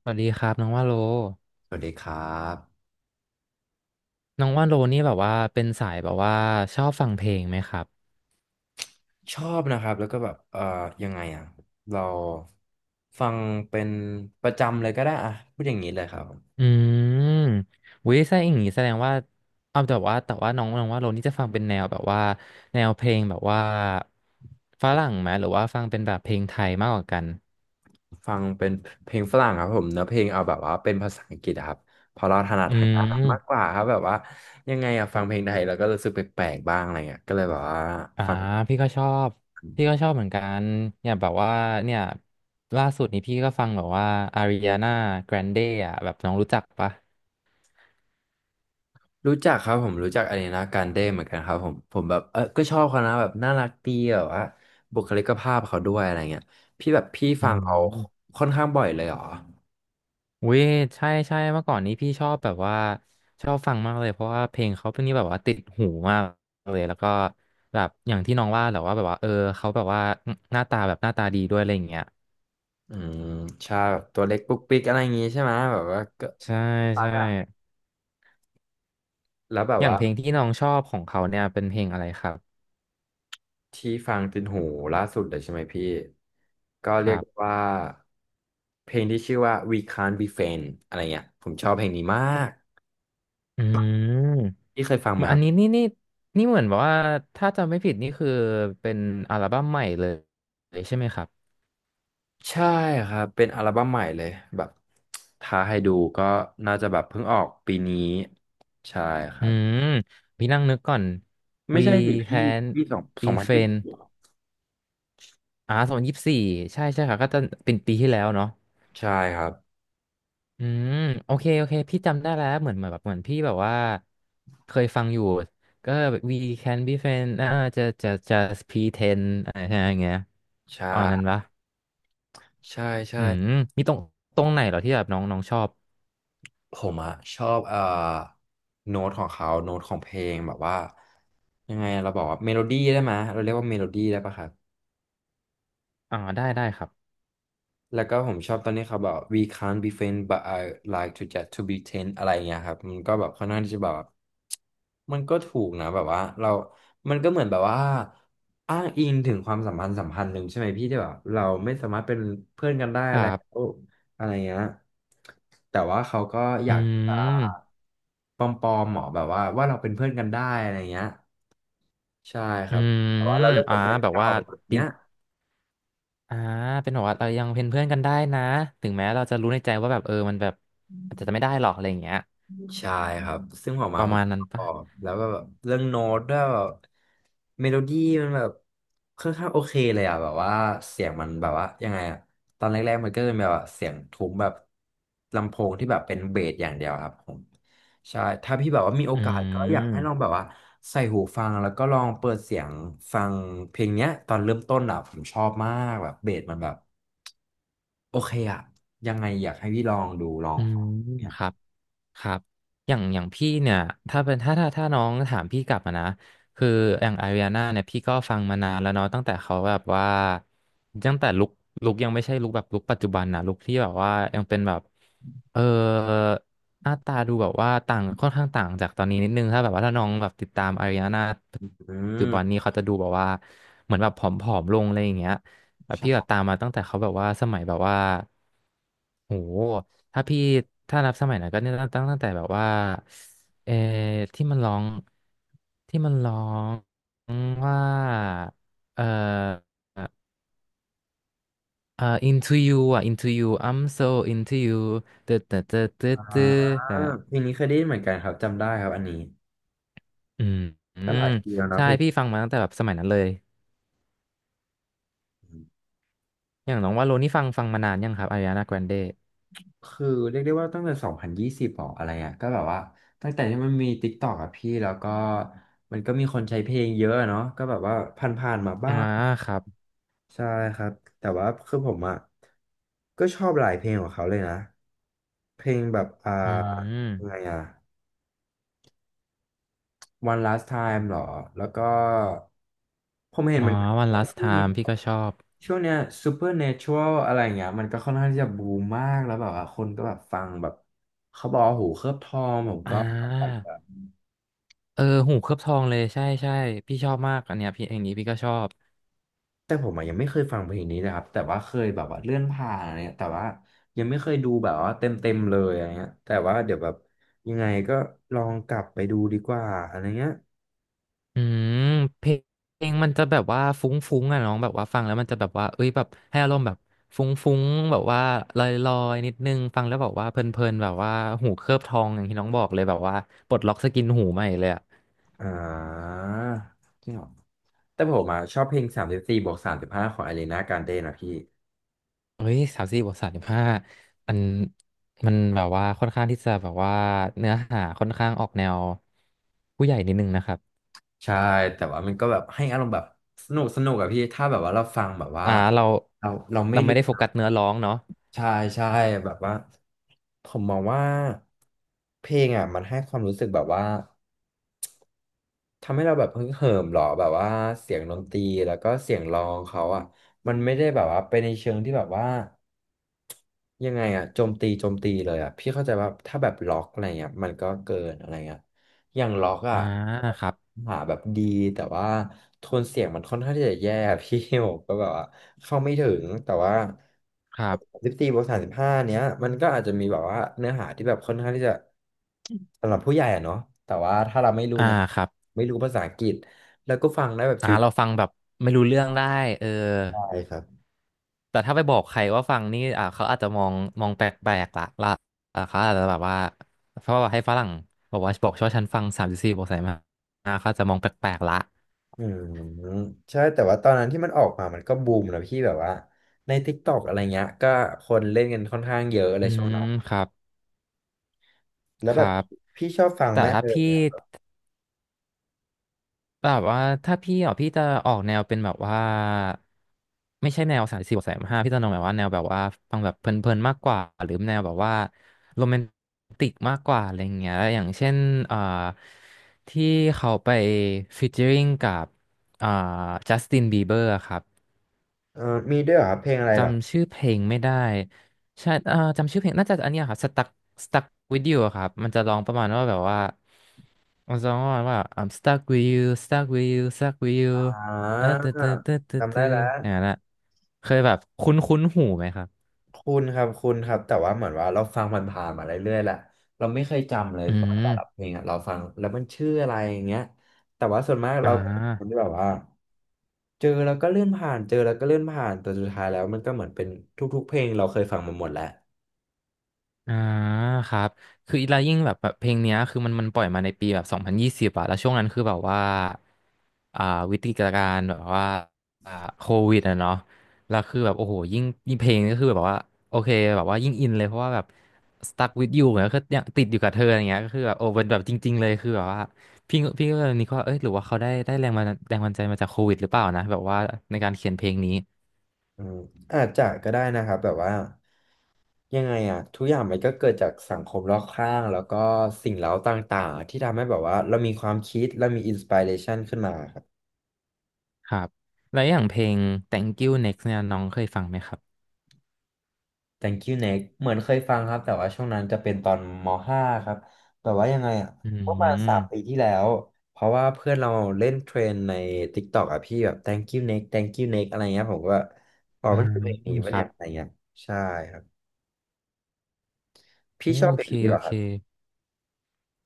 สวัสดีครับน้องว่าโลสวัสดีครับน้องว่าโลนี่แบบว่าเป็นสายแบบว่าชอบฟังเพลงไหมครับชอบนะครับแล้วก็แบบยังไงอ่ะเราฟังเป็นประจำเลยก็ได้อ่ะพูดอย่างนี้เลยครับอืมวิใช่อย่างงี้แสดงว่าเอาแต่ว่าน้องน้องว่าโลนี่จะฟังเป็นแนวแบบว่าแนวเพลงแบบว่าฝรั่งไหมหรือว่าฟังเป็นแบบเพลงไทยมากกว่ากันฟังเป็นเพลงฝรั่งครับผมเนื้อเพลงเอาแบบว่าเป็นภาษาอังกฤษอะครับเพอเราถนัดอืทางด้านนั้นมากกมว่าครับแบบว่ายังไงอ่ะฟังเพลงไทยแล้วก็รู้สึกแปลกๆบ้างอะไรเงี้ยก็เลยแบบว่าอ่าฟังพี่ก็ชอบพี่ก็ชอบเหมือนกันอย่างแบบว่าเนี่ยล่าสุดนี้พี่ก็ฟังแบบว่าอาริอานาแกรนเดอ่ะแบบน้องรู้จักปะรู้จักครับผมรู้จักอารีนาการ์เด้เหมือนกันครับผมผมแบบเออก็ชอบเขานะแบบน่ารักดีแบบว่าบุคลิกภาพเขาด้วยอะไรเงี้ยพี่แบบพี่อืฟังเขาม ค่อนข้างบ่อยเลยเหรอ อุ้ยใช่เมื่อก่อนนี้พี่ชอบแบบว่าชอบฟังมากเลยเพราะว่าเพลงเขาเป็นนี่แบบว่าติดหูมากเลยแล้วก็แบบอย่างที่น้องว่าแหละว่าแบบว่าเออเขาแบบว่าหน้าตาแบบหน้าตาดีด้วยอะไรอย่างเงี้ยอืมชาแบบตัวเล็กปุ๊กปิ๊กอะไรอย่างงี้ใช่ไหมแบบว่าก็ใช่ปักใช่อ่ะแล้วแบบอย่างว่าเพลงที่น้องชอบของเขาเนี่ยเป็นเพลงอะไรครับที่ฟังติดหูล่าสุดเลยใช่ไหมพี่ก็คเรียรักบว่าเพลงที่ชื่อว่า We Can't Be Friends อะไรเงี้ยผมชอบเพลงนี้มากอืมพี่เคยฟังไหมัมนคอัรันบนี้นี่เหมือนแบบว่าถ้าจำไม่ผิดนี่คือเป็นอัลบั้มใหม่เลยใช่ไหมครับใช่ครับเป็นอัลบั้มใหม่เลยแบบถ้าให้ดูก็น่าจะแบบเพิ่งออกปีนี้ใช่คอืรับมพี่นั่งนึกก่อน ไม่ We ใช่หรือพี่ can พี่สองส be องพันยี่สิ friends บอ่าสองพันยี่สิบสี่ใช่ใช่ค่ะก็จะเป็นปีที่แล้วเนาะใช่ครับอืมโอเคโอเคพี่จำได้แล้วเหมือนแบบเหมือนพี่แบบว่าเคยฟังอยู่ก็ we can be friends อ่าจะ pretend อะไรอย่างเงี้ยใช่อันนั้นปะใช่ใช่ อืมมีตรงตรงไหนเหรอที่แบบน้องน้องชอบผมอะชอบโน้ตของเขาโน้ตของเพลงแบบว่ายังไงเราบอกว่าเมโลดี้ได้ไหมยเราเรียกว่าเมโลดี้ได้ปะครับ ได้ครับแล้วก็ผมชอบตอนนี้เขาบอก we can't be friends but I like to just to be t e n อะไรเงี้ยครับมันก็แบบค่อนข้างที่จะแบบมันก็ถูกนะแบบว่าเรามันก็เหมือนแบบว่าอ้างอิงถึงความสัมพันธ์หนึ่งใช่ไหมพี่ที่แบบเราไม่สามารถเป็นเพื่อนกันได้คแล้รัวบอะไรเงี้ยแต่ว่าเขาก็ออืยากจะมปลอมๆหมอแบบว่าว่าเราเป็นเพื่อนกันได้อะไรเงี้ยใช่คอืรับแต่มว่าเราเลิกอ่ากับแฟนแบบเก่าว่าแบบจริเนี้งย อ่าเป็นแบบว่าเรายังเป็นเพื่อนกันได้นะถึงแม้เราจะรู้ในใจว่าแบบเออมันแบบอาจจะไม่ได้หรอกอะไรอย่างเงี้ยใช่ครับซึ่งออกปมาระผมมาณนั้นชปะ อบแล้วก็แบบเรื่องโน้ตด้วยแบบเมโลดี้มันแบบค่อนข้างโอเคเลยอ่ะแบบว่าเสียงมันแบบว่ายังไงอ่ะตอนแรกๆมันก็เป็นแบบว่าเสียงทุ้มแบบลำโพงที่แบบเป็นเบสอย่างเดียวครับผมใช่ถ้าพี่แบบว่ามีโออืกาสก็อยากให้ลองมแบบว่าใส่หูฟังแล้วก็ลองเปิดเสียงฟังเพลงเนี้ยตอนเริ่มต้นอ่ะผมชอบมากแบบเบสมันแบบโอเคอ่ะยังไงอยากให้พี่ลองดูลองอืฟัม งเนี่ยครับ ครับอย่างอย่างพี่เนี่ย ถ้าเป็น ถ้าน้องถามพี่กลับมานะคืออย่างอาริอาน่าเนี่ยพี่ก็ฟังมานานแล้วเนาะตั้งแต่เขาแบบว่าตั้งแต่ลุคยังไม่ใช่ลุคแบบลุคปัจจุบันนะลุคที่แบบว่ายังเป็นแบบเออหน้าตาดูแบบว่าต่างค่อนข้างต่างจากตอนนี้นิดนึงถ้าแบบว่าถ้าน้องแบบติดตามอาริอาน่าอืปัจจุบันม นี้เขาจะดูแบบว่าเหมือนแบบผอมๆลงอะไรอย่างเงี้ย แบบพี่แบบตามมาตั้งแต่เขาแบบว่าสมัยแบบว่าโหถ้าพี่ถ้านับสมัยนั้นก็เนี่ยตั้งแต่แบบว่าเออที่มันร้องที่มันร้องว่าเออเออ into you อ่ะ into you I'm so into you ตึ๊ดตึ๊ดตึ๊ดตึ๊ดอ่าตึ๊ดอ่ะเพลงนี้เคยได้ยินเหมือนกันครับจำได้ครับอันนี้อืมอืก็หมลายปีแล้วเนอะใช่เพลงพี่นี้ฟังมาตั้งแต่แบบสมัยนั้นเลยอย่างน้องว่าโลนี่ฟังมานานยังครับอาริานาแกรนเดคือเรียกได้ว่าตั้งแต่สองพันยี่สิบหรออะไรอ่ะก็แบบว่าตั้งแต่ที่มันมีติ๊กตอกอะพี่แล้วก็มันก็มีคนใช้เพลงเยอะอะเนาะก็แบบว่าผ่านๆมาบ้าอ่างครับใช่ครับแต่ว่าคือผมอ่ะก็ชอบหลายเพลงของเขาเลยนะเพลงแบบอ่าอืยังไงม อ่ะ One Last Time หรอแล้วก็ผมเห็อ๋นอมันวัน ว่า last ช่วงนี้ time พี่ก็ชอบช่วงเนี้ย Supernatural อะไรเงี้ยมันก็ค่อนข้างที่จะบูมมากแล้วแบบว่าคนก็แบบฟังแบบเขาบอกว่าหูเคลือบทองผมอ่ก็แบาบเออหูเคลือบทองเลยใช่พี่ชอบมากอันเนี้ยพี่เองนี้พี่ก็ชอบแต่ผมอะยังไม่เคยฟังเพลงนี้นะครับแต่ว่าเคยแบบว่าเลื่อนผ่านอะไรเงี้ยแต่ว่ายังไม่เคยดูแบบว่าเต็มเต็มเลยอะไรเงี้ยแต่ว่าเดี๋ยวแบบยังไงก็ลองกลับไปดูดีกว่าอะไรเงี้ยอืมเพลงเพลงมันจะแบบว่าฟุ้งๆอ่ะน้องแบบว่าฟังแล้วมันจะแบบว่าเอ้ยแบบให้อารมณ์แบบฟุ้งๆแบบว่าลอยๆนิดนึงฟังแล้วแบบว่าเพลินๆแบบว่าหูเคลือบทองอย่างที่น้องบอกเลยแบบว่าปลดล็อกสกินหูใหม่เลยอ่ะอ่าจริงเหรอแต่ผมอะชอบเพลง34+35ของอารีนาการ์เดนะพี่ เฮ้ยสามสี่บวกสามสิบห้ามันมันแบบว่าค่อนข้างที่จะแบบว่าเนื้อหาค่อนข้างออกแนวผู้ใหญ่นิดนึงนะครับ ใช่แต่ว่ามันก็แบบให้อารมณ์แบบสนุกสนุกอะพี่ถ้าแบบว่าเราฟังแบบว่าอ่าเราเราเราไม่เราไม่รู้ได้โฟกัสเนื้อร้องเนาะใช่ใช่แบบว่าผมมองว่าเพลงอะมันให้ความรู้สึกแบบว่าทำให้เราแบบฮึกเหิมหรอแบบว่าเสียงดนตรีแล้วก็เสียงร้องเขาอะมันไม่ได้แบบว่าไปในเชิงที่แบบว่า ยังไงอะโจมตีเลยอะพี่เข้าใจว่าถ้าแบบล็อกอะไรเงี้ยมันก็เกินอะไรเงี้ยอย่างล็อกอะอ่าครับหาแบบดีแต่ว่าโทนเสียงมันค่อนข้างที่จะแย่อะ พี่ ผมก็แบบว่าเข้าไม่ถึงแต่ว่าครับสิบสี่บวกสามสิบห้าเนี้ยมันก็อาจจะมีแบบว่าเนื้อหาที่แบบค่อนข้างที่จะสำหรับผู้ใหญ่อะเนาะแต่ว่าถ้าเราไม่รู้อ่านะครับไม่รู้ภาษาอังกฤษแล้วก็ฟังได้แบบอ่าชิวเราฟังแบบไม่รู้เรื่องได้เออๆได้ครับ แต่ถ้าไปบอกใครว่าฟังนี่อ่าเขาอาจจะมองแปลกๆละอ่าเขาอาจจะแบบว่าเพราะว่าให้ฝรั่งบอกว่าบอกชอบฉันฟังสามสิบสี่บอกใส่มาอ่าเขาอาจจะมองแปลกๆละอืมใช่แต่ว่าตอนนั้นที่มันออกมามันก็บูมนะพี่แบบว่าใน TikTok อะไรเงี้ยก็คนเล่นกันค่อนข้างเยอะเลอืยช่วงมนั้นครับแล้ควแบรับบพี่ชอบฟังแต่ไหมถ้าพี่ เนี่ยแบบว่าถ้าพี่อ่ะพี่จะออกแนวเป็นแบบว่าไม่ใช่แนวสายสี่บวกสายห้าพี่จะนองแบบว่าแนวแบบว่าฟังแบบเพลินๆมากกว่าหรือแนวแบบว่าโรแมนติกมากกว่าอะไรอย่างเงี้ยอย่างเช่นเอ่อที่เขาไปฟีเจอริงกับเอ่อจัสตินบีเบอร์ครับ เออมีด้วยเหรอครับเพลงอะไรเหรอจำชื่อเพลงไม่ได้ใช่จำชื่อเพลงน่าจะอันเนี้ยครับ stuck with you อะครับ มันจะร้องประมาณว่าแบบว่ามันจะร้องประมาณว่า I'm stuck with you stuck with you อ่าเออเตึ๊ดตึ๊ดตึ๊ตึจำได้ตึแล้วอย่างนั้นอะเคยแบบคุ้นคุ้นหูไหมครับคุณครับแต่ว่าเหมือนว่าเราฟังมันผ่านๆมาเรื่อยๆแหละเราไม่เคยจำเลยอืตอนแต่ละเพมลงอะเราฟังแล้วมันชื่ออะไรอย่างเงี้ยแต่ว่าส่วนมากอ่เราคนา ที่แบบว่าเจอแล้วก็เลื่อนผ่านเจอแล้วก็เลื่อนผ่านแต่สุดท้ายแล้วมันก็เหมือนเป็นทุกๆเพลงเราเคยฟังมาหมดแล้ว อ่าครับคืออีลายิ่งแบบเพลงเนี้ยคือมันปล่อยมาในปีแบบ2020อะแล้วช่วงนั้นคือแบบว่าอ่าวิกฤตการณ์แบบว่าอ่าโควิดอะเนาะแล้วคือแบบโอ้โหยิ่งยิ่งเพลงก็คือแบบว่าโอเคแบบว่ายิ่งอินเลยเพราะว่าแบบ stuck with you เนี่ยก็ยังติดอยู่กับเธออย่างเงี้ยก็คือแบบโอ้เป็นแบบจริงๆเลยคือแบบว่าพี่ก็เลยนี่ก็เอ้ยหรือว่าเขาได้แรงมาแรงบันดาลใจมาจากโควิดหรือเปล่านะแบบว่าในการเขียนเพลงนี้อืมอาจจะก็ได้นะครับแบบว่ายังไงอ่ะทุกอย่างมันก็เกิดจากสังคมรอบข้างแล้วก็สิ่งเร้าต่างๆที่ทำให้แบบว่าเรามีความคิดเรามีอินสปิเรชันขึ้นมาครับ ครับแล้วอย่างเพลง Thank You Next เนี่ยน้องเคยฟังไหมครับ Thank you Next เหมือนเคยฟังครับแต่ว่าช่วงนั้นจะเป็นตอนม .5 ครับแบบว่ายังไงอ่ะอืประมาณ3 ปีม ที่แล้วเพราะว่าเพื่อนเราเล่นเทรนใน TikTok อ่ะพี่แบบ Thank you Next Thank you Next อะไรเงี้ยผมก็ว่าอ๋ออ่ามันคือเพลงนี้คปะรัเนี่ยบอะไรเงี้ยใช่ครับโอพี่ชอบเพลเคงนี้เหโอรอคเครับ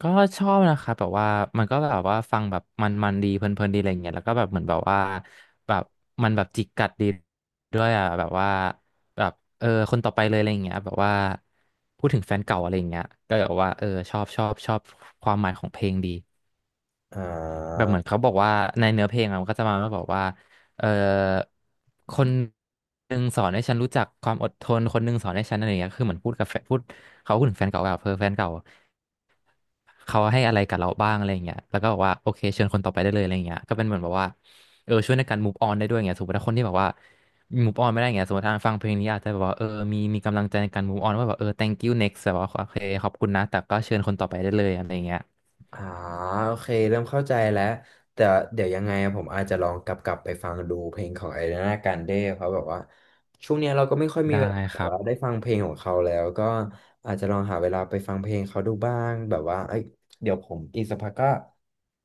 ก็ชอบนะครับแบบว่ามันก็แบบว่าฟังแบบมันดีเพลินๆดีอะไรเงี้ยแล้วก็แบบเหมือนแบบว่าแบบมันแบบจิกกัดดีด้วยอ่ะแบบว่าแบบเออคนต่อไปเลยอะไรเงี้ยแบบว่าพูดถึงแฟนเก่าอะไรเงี้ยก็แบบว่าเออชอบชอบชอบความหมายของเพลงดี อ่แบบเหมือนา เขาบอกว่าในเนื้อเพลงอะมันก็จะมาแล้วบอกว่าเอ่อคนหนึ่งสอนให้ฉันรู้จักความอดทนคนหนึ่งสอนให้ฉันอะไรอย่างเงี้ยคือเหมือนพูดกับแฟนพูดเขาพูดถึงแฟนเก่าแบบเพ่อแฟนเก่าเขาให้อะไรกับเราบ้างอะไรอย่างเงี้ยแล้วก็บอกว่าโอเคเชิญคนต่อไปได้เลยอะไรอย่างเงี้ยก็เป็นเหมือนแบบว่าเออช่วยในการ move on ได้ด้วยอย่างเงี้ยสมมติถ้าคนที่แบบว่า move on ไม่ได้อย่างเงี้ยสมมติถ้าฟังเพลงนี้อาจจะแบบว่าเออมีกำลังใจในการ move on ว่าแบบเออ thank you next แบบว่าโอเคขอบคุณนะแต่ก็เชิญคนต่อไปได้เลยอะไรอย่างเงี้ยอ่าโอเคเริ่มเข้าใจแล้วแต่เดี๋ยวยังไงอะผมอาจจะลองกลับไปฟังดูเพลงของไอริานาการเด้เพราะแบบว่าช่วงเนี้ยเราก็ไม่ค่อยมีได้เวลาคแบบรัว่าบได้ฟังเพลงของเขาแล้วก็อาจจะลองหาเวลาไปฟังเพลงเขาดูบ้างแบบว่าเอ้ยเดี๋ยวผมอีกสักพักก็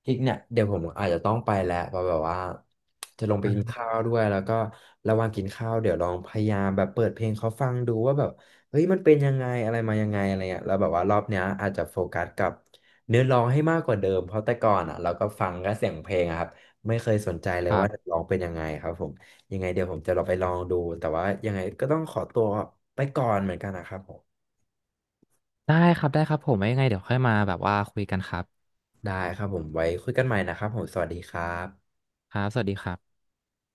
อีกเนี่ยเดี๋ยวผมอาจจะต้องไปแล้วเพราะแบบว่าจะลงไปกินอ่าข้าวด้วยแล้วก็ระหว่างกินข้าวเดี๋ยวลองพยายามแบบเปิดเพลงเขาฟังดูว่าแบบเฮ้ยมันเป็นยังไงอะไรมายังไงอะไรเงี้ยแล้วแบบว่ารอบเนี้ยอาจจะโฟกัสกับ เนื้อร้องให้มากกว่าเดิมเพราะแต่ก่อนอ่ะเราก็ฟังก็เสียงเพลงอะครับไม่เคยสนใจเลคยรัว่าจะบ ร้องเป็นยังไงครับผมยังไงเดี๋ยวผมจะลองไปลองดูแต่ว่ายังไงก็ต้องขอตัวไปก่อนเหมือนกันนะครับผมได้ครับได้ครับผมไว้ยังไงเดี๋ยวค่อยมาแบบว่าคุยกันครับได้ครับผมไว้คุยกันใหม่นะครับผมสวัสดีครับครับสวัสดีครับ